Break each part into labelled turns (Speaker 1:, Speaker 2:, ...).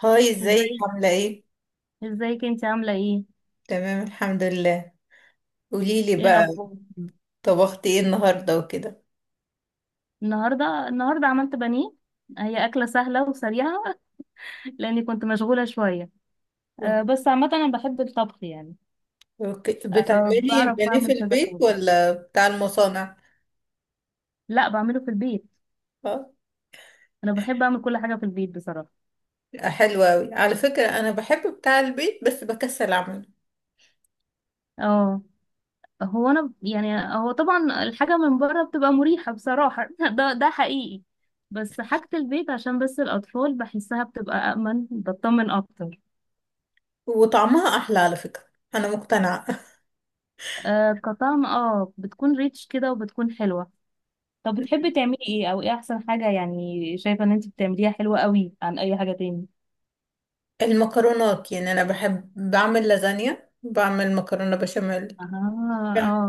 Speaker 1: هاي، ازيك؟
Speaker 2: ازاي؟
Speaker 1: عاملة ايه؟
Speaker 2: ازيك انت عامله ايه؟
Speaker 1: تمام، الحمد لله. قوليلي
Speaker 2: ايه
Speaker 1: بقى،
Speaker 2: الاخبار؟
Speaker 1: طبختي ايه النهاردة وكده؟
Speaker 2: النهارده عملت بانيه. هي اكله سهله وسريعه. لاني كنت مشغوله شويه.
Speaker 1: أو-
Speaker 2: أه، بس عامه انا بحب الطبخ يعني.
Speaker 1: اوكي،
Speaker 2: أه،
Speaker 1: بتعملي
Speaker 2: بعرف
Speaker 1: البانيه في
Speaker 2: اعمل كذا
Speaker 1: البيت
Speaker 2: حاجه.
Speaker 1: ولا بتاع المصانع؟
Speaker 2: لا، بعمله في البيت.
Speaker 1: اه.
Speaker 2: انا بحب اعمل كل حاجه في البيت بصراحه.
Speaker 1: حلوة اوي على فكرة، انا بحب بتاع البيت بس بكسل اعمله.
Speaker 2: اه. هو انا يعني هو طبعا الحاجه من بره بتبقى مريحه بصراحه. ده حقيقي. بس حاجه البيت، عشان بس الاطفال بحسها بتبقى امن، بطمن اكتر.
Speaker 1: وطعمها احلى على فكرة، انا مقتنعة.
Speaker 2: آه، كطعم اه بتكون ريتش كده وبتكون حلوة. طب بتحبي تعملي ايه، او ايه احسن حاجة يعني شايفة ان انت بتعمليها حلوة قوي عن اي حاجة تاني؟
Speaker 1: المكرونات، انا بحب بعمل لازانيا، بعمل مكرونة بشاميل.
Speaker 2: اه. اه.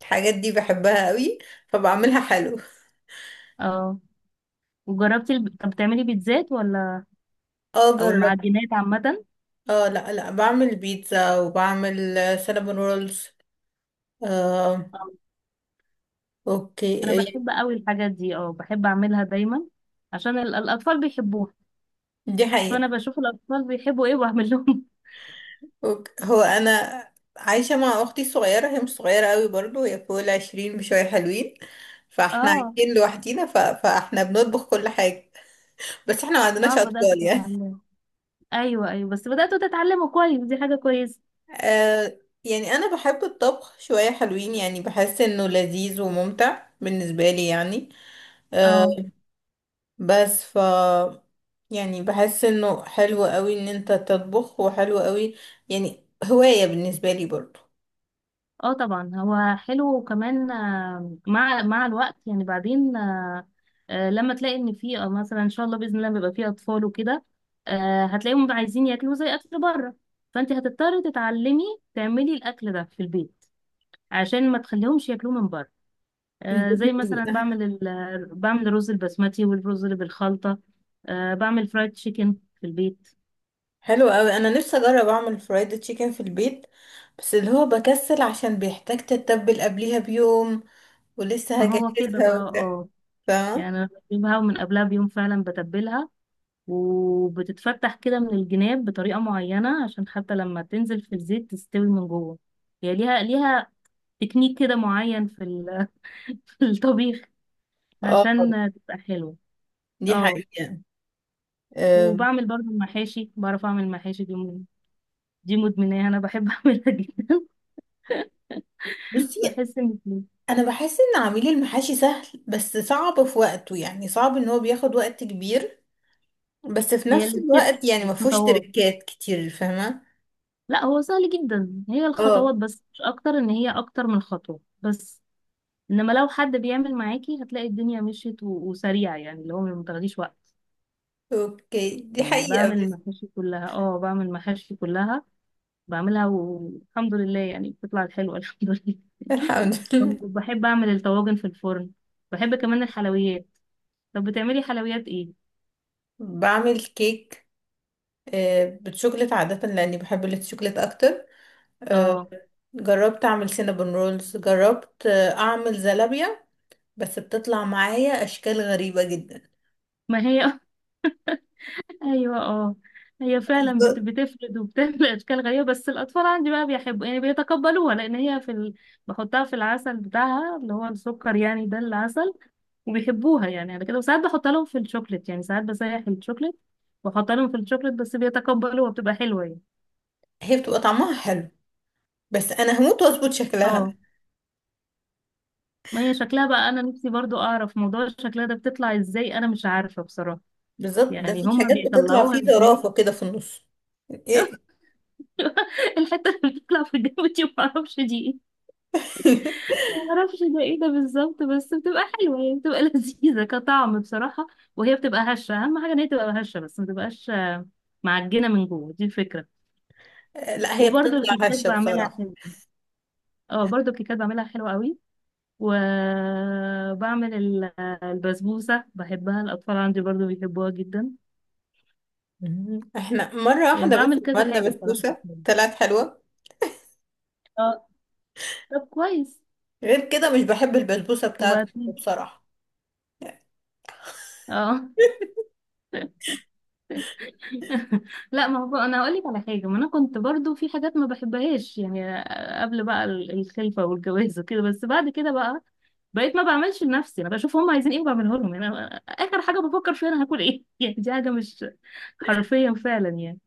Speaker 1: الحاجات دي بحبها قوي فبعملها حلو.
Speaker 2: اه. وجربتي طب بتعملي بيتزات ولا
Speaker 1: اه
Speaker 2: او
Speaker 1: جربت.
Speaker 2: المعجنات عامة؟
Speaker 1: اه، لا لا، بعمل بيتزا وبعمل سينابون رولز. آه.
Speaker 2: آه. انا
Speaker 1: اوكي،
Speaker 2: بحب قوي الحاجات دي، اه بحب اعملها دايما. عشان الاطفال بيحبوها.
Speaker 1: دي
Speaker 2: فانا
Speaker 1: حقيقة.
Speaker 2: بشوف الاطفال بيحبوا ايه واعمل لهم.
Speaker 1: أوكي. هو انا عايشة مع اختي الصغيرة، هي مش صغيرة قوي برضو، هي فوق العشرين بشوية حلوين. فاحنا
Speaker 2: اه.
Speaker 1: عايشين لوحدينا فاحنا بنطبخ كل حاجة. بس احنا ما
Speaker 2: اه،
Speaker 1: عندناش
Speaker 2: بدأت
Speaker 1: اطفال يعني.
Speaker 2: اتعلم. ايوه، ايوه بس بدأتوا تتعلموا كويس، دي حاجة كويسة.
Speaker 1: آه، انا بحب الطبخ شوية حلوين، يعني بحس انه لذيذ وممتع بالنسبة لي يعني. آه،
Speaker 2: اه.
Speaker 1: بس ف يعني بحس انه حلو قوي ان انت تطبخ، وحلو قوي، يعني هواية بالنسبة لي برضو.
Speaker 2: اه، طبعا هو حلو، وكمان مع الوقت يعني. بعدين لما تلاقي ان في مثلا ان شاء الله باذن الله بيبقى في اطفال وكده. هتلاقيهم عايزين ياكلوا زي اكل بره. فانت هتضطري تتعلمي تعملي الاكل ده في البيت، عشان ما تخليهمش ياكلوه من بره. زي مثلا بعمل بعمل الرز البسمتي والرز اللي بالخلطه. بعمل فرايد تشيكن في البيت.
Speaker 1: حلو قوي، انا نفسي اجرب اعمل فرايد تشيكن في البيت. بس اللي هو بكسل عشان بيحتاج تتبل قبليها بيوم، ولسه
Speaker 2: ما هو كده بقى،
Speaker 1: هجهزها وبتاع.
Speaker 2: اه. يعني
Speaker 1: فاهمة.
Speaker 2: أنا بجيبها من قبلها بيوم فعلا، بتبلها وبتتفتح كده من الجناب بطريقة معينة عشان حتى لما تنزل في الزيت تستوي من جوه. هي ليها تكنيك كده معين في في الطبيخ،
Speaker 1: اه،
Speaker 2: عشان تبقى حلوة.
Speaker 1: دي
Speaker 2: اه.
Speaker 1: حقيقة. أم،
Speaker 2: وبعمل برضو المحاشي، بعرف اعمل المحاشي دي. دي مدمناها، انا بحب اعملها جدا.
Speaker 1: بصي،
Speaker 2: بحس ان
Speaker 1: انا بحس ان عميل المحاشي سهل بس صعب في وقته، يعني صعب ان هو بياخد وقت كبير، بس في
Speaker 2: هي
Speaker 1: نفس الوقت
Speaker 2: الستبس،
Speaker 1: يعني ما فيهوش
Speaker 2: الخطوات.
Speaker 1: تركات كتير، فاهمة.
Speaker 2: لا، هو سهل جدا، هي
Speaker 1: اه،
Speaker 2: الخطوات بس مش اكتر ان هي اكتر من خطوة بس. انما لو حد بيعمل معاكي هتلاقي الدنيا مشيت وسريعه، يعني اللي هو ما بتاخديش وقت.
Speaker 1: اوكي، دي
Speaker 2: يعني
Speaker 1: حقيقة
Speaker 2: بعمل
Speaker 1: بس.
Speaker 2: المحاشي كلها، اه بعمل المحاشي كلها، بعملها والحمد لله يعني بتطلع حلوه. الحمد
Speaker 1: الحمد
Speaker 2: لله.
Speaker 1: لله.
Speaker 2: بحب اعمل الطواجن في الفرن، بحب كمان الحلويات. طب بتعملي حلويات ايه؟
Speaker 1: بعمل كيك، آه، بالشوكولاتة عادة لأني بحب الشوكولاتة أكتر. آه،
Speaker 2: اه.
Speaker 1: جربت أعمل سينابون رولز، جربت آه، أعمل زلابية، بس بتطلع معايا أشكال غريبة جدا.
Speaker 2: ما هي ايوه، اه، هي فعلا
Speaker 1: بالظبط.
Speaker 2: بتفرد وبتعمل اشكال غريبه، بس الاطفال عندي بقى بيحبوا يعني، بيتقبلوها لان هي في بحطها في العسل بتاعها اللي هو السكر يعني، ده العسل، وبيحبوها يعني على كده. وساعات بحط لهم في الشوكليت، يعني ساعات بسيح الشوكليت واحط لهم في الشوكليت، بس بيتقبلوا وبتبقى حلوة يعني.
Speaker 1: هي بتبقى طعمها حلو، بس أنا هموت وأظبط شكلها.
Speaker 2: اه. ما هي شكلها بقى، انا نفسي برضو اعرف موضوع شكلها ده بتطلع ازاي، انا مش عارفة بصراحة.
Speaker 1: بالظبط، ده
Speaker 2: يعني
Speaker 1: في
Speaker 2: هما
Speaker 1: حاجات بتطلع
Speaker 2: بيطلعوها
Speaker 1: فيه
Speaker 2: ازاي؟
Speaker 1: زرافة كده في النص. إيه؟
Speaker 2: الحتة اللي بتطلع في الجو دي معرفش دي ايه، معرفش ده ايه ده بالظبط. بس بتبقى حلوة يعني، بتبقى لذيذة كطعم بصراحة. وهي بتبقى هشة، اهم حاجة ان هي تبقى هشة بس ما تبقاش معجنة من جوه، دي الفكرة.
Speaker 1: لا، هي
Speaker 2: وبرضو
Speaker 1: بتطلع
Speaker 2: الكيكات
Speaker 1: هشة
Speaker 2: بعملها
Speaker 1: بصراحة.
Speaker 2: حلو، اه برضو الكيكات بعملها حلوة قوي. وبعمل البسبوسة، بحبها الأطفال عندي برضو بيحبوها جدا.
Speaker 1: مم. احنا مرة
Speaker 2: يعني
Speaker 1: واحدة بس
Speaker 2: بعمل كذا
Speaker 1: عملنا
Speaker 2: حاجة بصراحة في
Speaker 1: بسبوسة
Speaker 2: البيت.
Speaker 1: طلعت حلوة.
Speaker 2: اه. طب كويس.
Speaker 1: غير كده مش بحب البسبوسة بتاعته
Speaker 2: وبعدين،
Speaker 1: بصراحة.
Speaker 2: اه، لا ما هو انا هقول لك على حاجه، ما انا كنت برضو في حاجات ما بحبهاش يعني قبل بقى الخلفه والجواز وكده. بس بعد كده بقى، بقيت ما بعملش لنفسي، انا بشوف هم عايزين ايه وبعمله لهم يعني. أنا اخر حاجه بفكر فيها انا هاكل ايه، يعني دي حاجه، مش حرفيا فعلا يعني،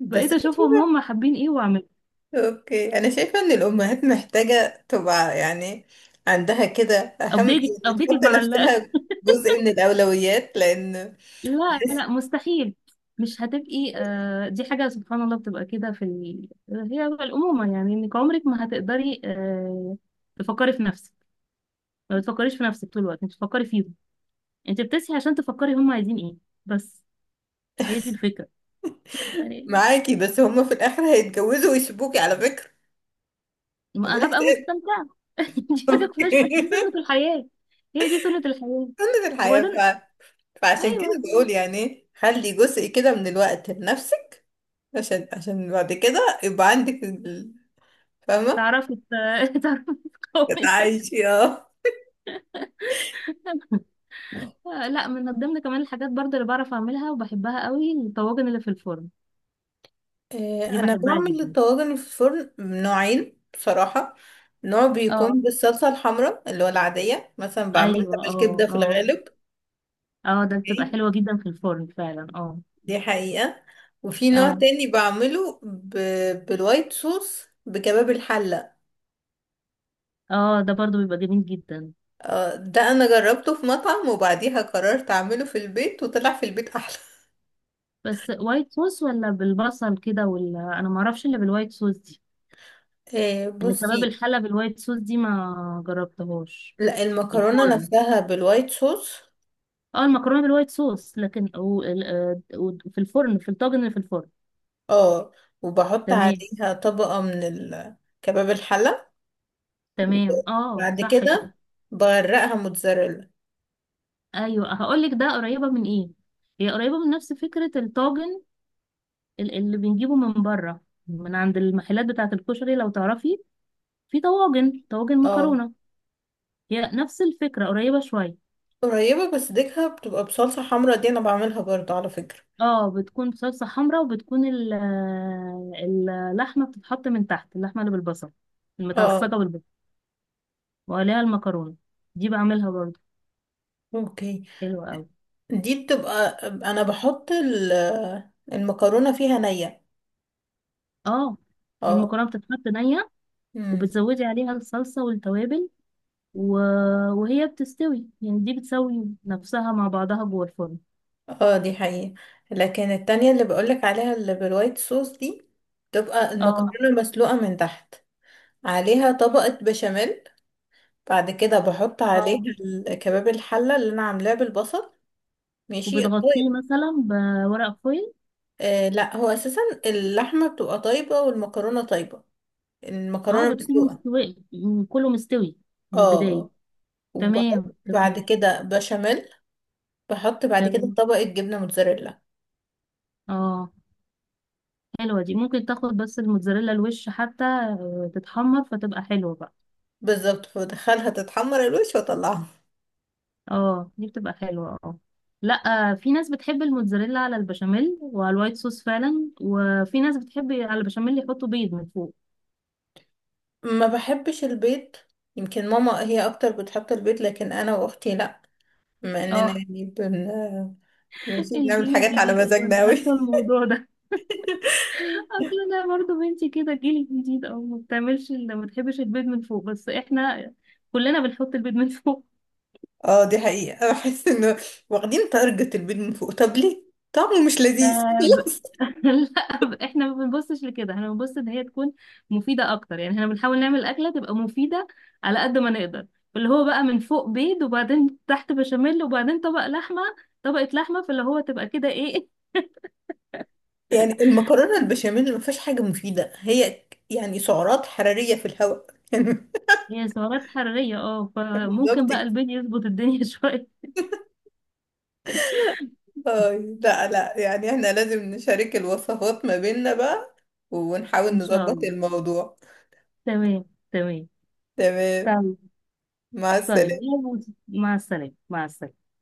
Speaker 1: بس
Speaker 2: بقيت
Speaker 1: أنا
Speaker 2: اشوفهم
Speaker 1: شايفة-
Speaker 2: هم حابين ايه.
Speaker 1: اوكي، انا شايفة ان الامهات محتاجة تبقى، يعني عندها كده اهم،
Speaker 2: ابديتد
Speaker 1: يعني
Speaker 2: ابديتد
Speaker 1: تحط
Speaker 2: مع
Speaker 1: نفسها جزء من الاولويات، لان
Speaker 2: لا، لا، مستحيل، مش هتبقي دي حاجة سبحان الله بتبقى كده في هي بقى الأمومة، يعني انك عمرك ما هتقدري تفكري في نفسك. ما بتفكريش في نفسك طول الوقت، انت بتفكري فيهم، انت بتصحي عشان تفكري هم عايزين ايه. بس هي دي الفكرة يعني.
Speaker 1: معاكي، بس هما في الاخر هيتجوزوا ويسيبوكي على فكرة، عاملة
Speaker 2: ما هبقى
Speaker 1: حساب.
Speaker 2: مستمتعة؟ دي حاجة فلاش، دي سنة الحياة، هي دي سنة الحياة.
Speaker 1: سنة الحياة
Speaker 2: وبعدين،
Speaker 1: فعشان كده
Speaker 2: ايوه،
Speaker 1: بقول يعني خلي جزء كده من الوقت لنفسك، عشان بعد كده يبقى عندك فاهمة.
Speaker 2: تعرفي تعرفي تقاومي.
Speaker 1: تعيشي اه.
Speaker 2: لا، من ضمن كمان الحاجات برضه اللي بعرف اعملها وبحبها قوي، الطواجن اللي في الفرن،
Speaker 1: آه،
Speaker 2: دي
Speaker 1: انا
Speaker 2: بحبها
Speaker 1: بعمل
Speaker 2: جدا.
Speaker 1: الطواجن في الفرن نوعين بصراحة. نوع
Speaker 2: اه.
Speaker 1: بيكون بالصلصة الحمراء اللي هو العادية، مثلا بعملها
Speaker 2: ايوه. اه.
Speaker 1: بالكبدة في
Speaker 2: اه.
Speaker 1: الغالب.
Speaker 2: اه ده بتبقى
Speaker 1: أوكي؟
Speaker 2: حلوة جدا في الفرن فعلا، اه.
Speaker 1: دي حقيقة. وفي نوع
Speaker 2: اه.
Speaker 1: تاني بعمله بالوايت صوص بكباب الحلة.
Speaker 2: اه ده برضه بيبقى جميل جدا.
Speaker 1: آه، ده انا جربته في مطعم، وبعديها قررت اعمله في البيت وطلع في البيت احلى.
Speaker 2: بس وايت صوص، ولا بالبصل كده؟ ولا انا ما اعرفش الا بالوايت صوص دي.
Speaker 1: آه،
Speaker 2: ان كباب
Speaker 1: بصي،
Speaker 2: الحلة بالوايت صوص دي ما جربتهاش.
Speaker 1: لا،
Speaker 2: في
Speaker 1: المكرونة
Speaker 2: الفرن؟
Speaker 1: نفسها بالوايت صوص.
Speaker 2: اه المكرونة بالوايت صوص. لكن وفي الفرن، في الطاجن اللي في الفرن.
Speaker 1: اه، وبحط
Speaker 2: تمام،
Speaker 1: عليها طبقة من كباب الحلة،
Speaker 2: تمام. اه
Speaker 1: وبعد
Speaker 2: صح كده.
Speaker 1: كده بغرقها موتزاريلا.
Speaker 2: ايوه، هقول لك ده قريبه من ايه. هي قريبه من نفس فكره الطاجن اللي بنجيبه من بره من عند المحلات بتاعه الكشري، لو تعرفي، في طواجن طواجن
Speaker 1: اه،
Speaker 2: مكرونه. هي نفس الفكره، قريبه شويه.
Speaker 1: قريبة، بس ديكها بتبقى بصلصة حمرا، دي انا بعملها برضو على فكرة.
Speaker 2: اه بتكون صلصه حمراء، وبتكون اللحمه بتتحط من تحت، اللحمه اللي بالبصل،
Speaker 1: اه،
Speaker 2: المتعصجه بالبصل، وعليها المكرونه. دي بعملها برضه،
Speaker 1: اوكي.
Speaker 2: حلوه قوي.
Speaker 1: دي بتبقى انا بحط المكرونة فيها نية.
Speaker 2: اه.
Speaker 1: اه.
Speaker 2: المكرونه بتتحط نيه،
Speaker 1: امم.
Speaker 2: وبتزودي عليها الصلصه والتوابل و... وهي بتستوي يعني، دي بتسوي نفسها مع بعضها جوه الفرن.
Speaker 1: اه، دي حقيقة. لكن التانية اللي بقولك عليها اللي بالوايت صوص دي، بتبقى
Speaker 2: اه.
Speaker 1: المكرونة مسلوقة من تحت، عليها طبقة بشاميل، بعد كده بحط عليها
Speaker 2: اه.
Speaker 1: كباب الحلة اللي انا عاملاه بالبصل. ماشي
Speaker 2: وبتغطيه
Speaker 1: الطيب.
Speaker 2: مثلا بورق فويل.
Speaker 1: آه لا، هو اساسا اللحمة بتبقى طيبة والمكرونة طيبة،
Speaker 2: اه
Speaker 1: المكرونة
Speaker 2: بتكون
Speaker 1: مسلوقة.
Speaker 2: مستوي، يعني كله مستوي من البداية.
Speaker 1: اه، وبحط
Speaker 2: تمام،
Speaker 1: بعد
Speaker 2: تمام،
Speaker 1: كده بشاميل، بحط بعد كده
Speaker 2: تمام،
Speaker 1: طبقة جبنة موتزاريلا.
Speaker 2: اه. حلوة دي، ممكن تاخد بس الموتزاريلا الوش حتى تتحمر فتبقى حلوة بقى.
Speaker 1: بالظبط، فبدخلها تتحمر الوش واطلعها.
Speaker 2: اه دي بتبقى حلوة، اه. لا، في ناس بتحب الموتزاريلا على البشاميل وعلى الوايت صوص فعلا، وفي ناس بتحب على البشاميل يحطوا بيض من فوق.
Speaker 1: ما بحبش البيض، يمكن ماما هي اكتر بتحط البيض لكن انا واختي لا. بما اننا
Speaker 2: اه،
Speaker 1: يعني بن ماشي، بنعمل
Speaker 2: الجيل
Speaker 1: حاجات على
Speaker 2: الجديد، ايوه انا
Speaker 1: مزاجنا اوي.
Speaker 2: عارفه الموضوع ده. اصل انا برضه بنتي كده، الجيل الجديد، او ما بتعملش، اللي ما بتحبش البيض من فوق. بس احنا كلنا بنحط البيض من فوق.
Speaker 1: اه، دي حقيقة. بحس انه واخدين تارجت البيض من فوق، طب ليه؟ طعمه مش لذيذ.
Speaker 2: آه ب...
Speaker 1: خلاص.
Speaker 2: لا، احنا ما بنبصش لكده، احنا بنبص ان هي تكون مفيده اكتر. يعني احنا بنحاول نعمل اكله تبقى مفيده على قد ما نقدر. اللي هو بقى، من فوق بيض، وبعدين تحت بشاميل، وبعدين طبق لحمه، طبقه لحمه، فاللي هو تبقى كده ايه؟
Speaker 1: يعني المكرونة البشاميل ما فيهاش حاجة مفيدة، هي يعني سعرات حرارية في الهواء يعني.
Speaker 2: هي سعرات حراريه، اه،
Speaker 1: بالظبط
Speaker 2: فممكن
Speaker 1: كده.
Speaker 2: بقى البيض يظبط الدنيا شويه.
Speaker 1: اه لا لا، يعني احنا لازم نشارك الوصفات ما بيننا بقى، ونحاول
Speaker 2: ان شاء
Speaker 1: نظبط
Speaker 2: الله.
Speaker 1: الموضوع.
Speaker 2: تمام. تمام.
Speaker 1: تمام.
Speaker 2: طيب.
Speaker 1: مع
Speaker 2: طيب،
Speaker 1: السلامة.
Speaker 2: يلا. مع السلامة، مع السلامة.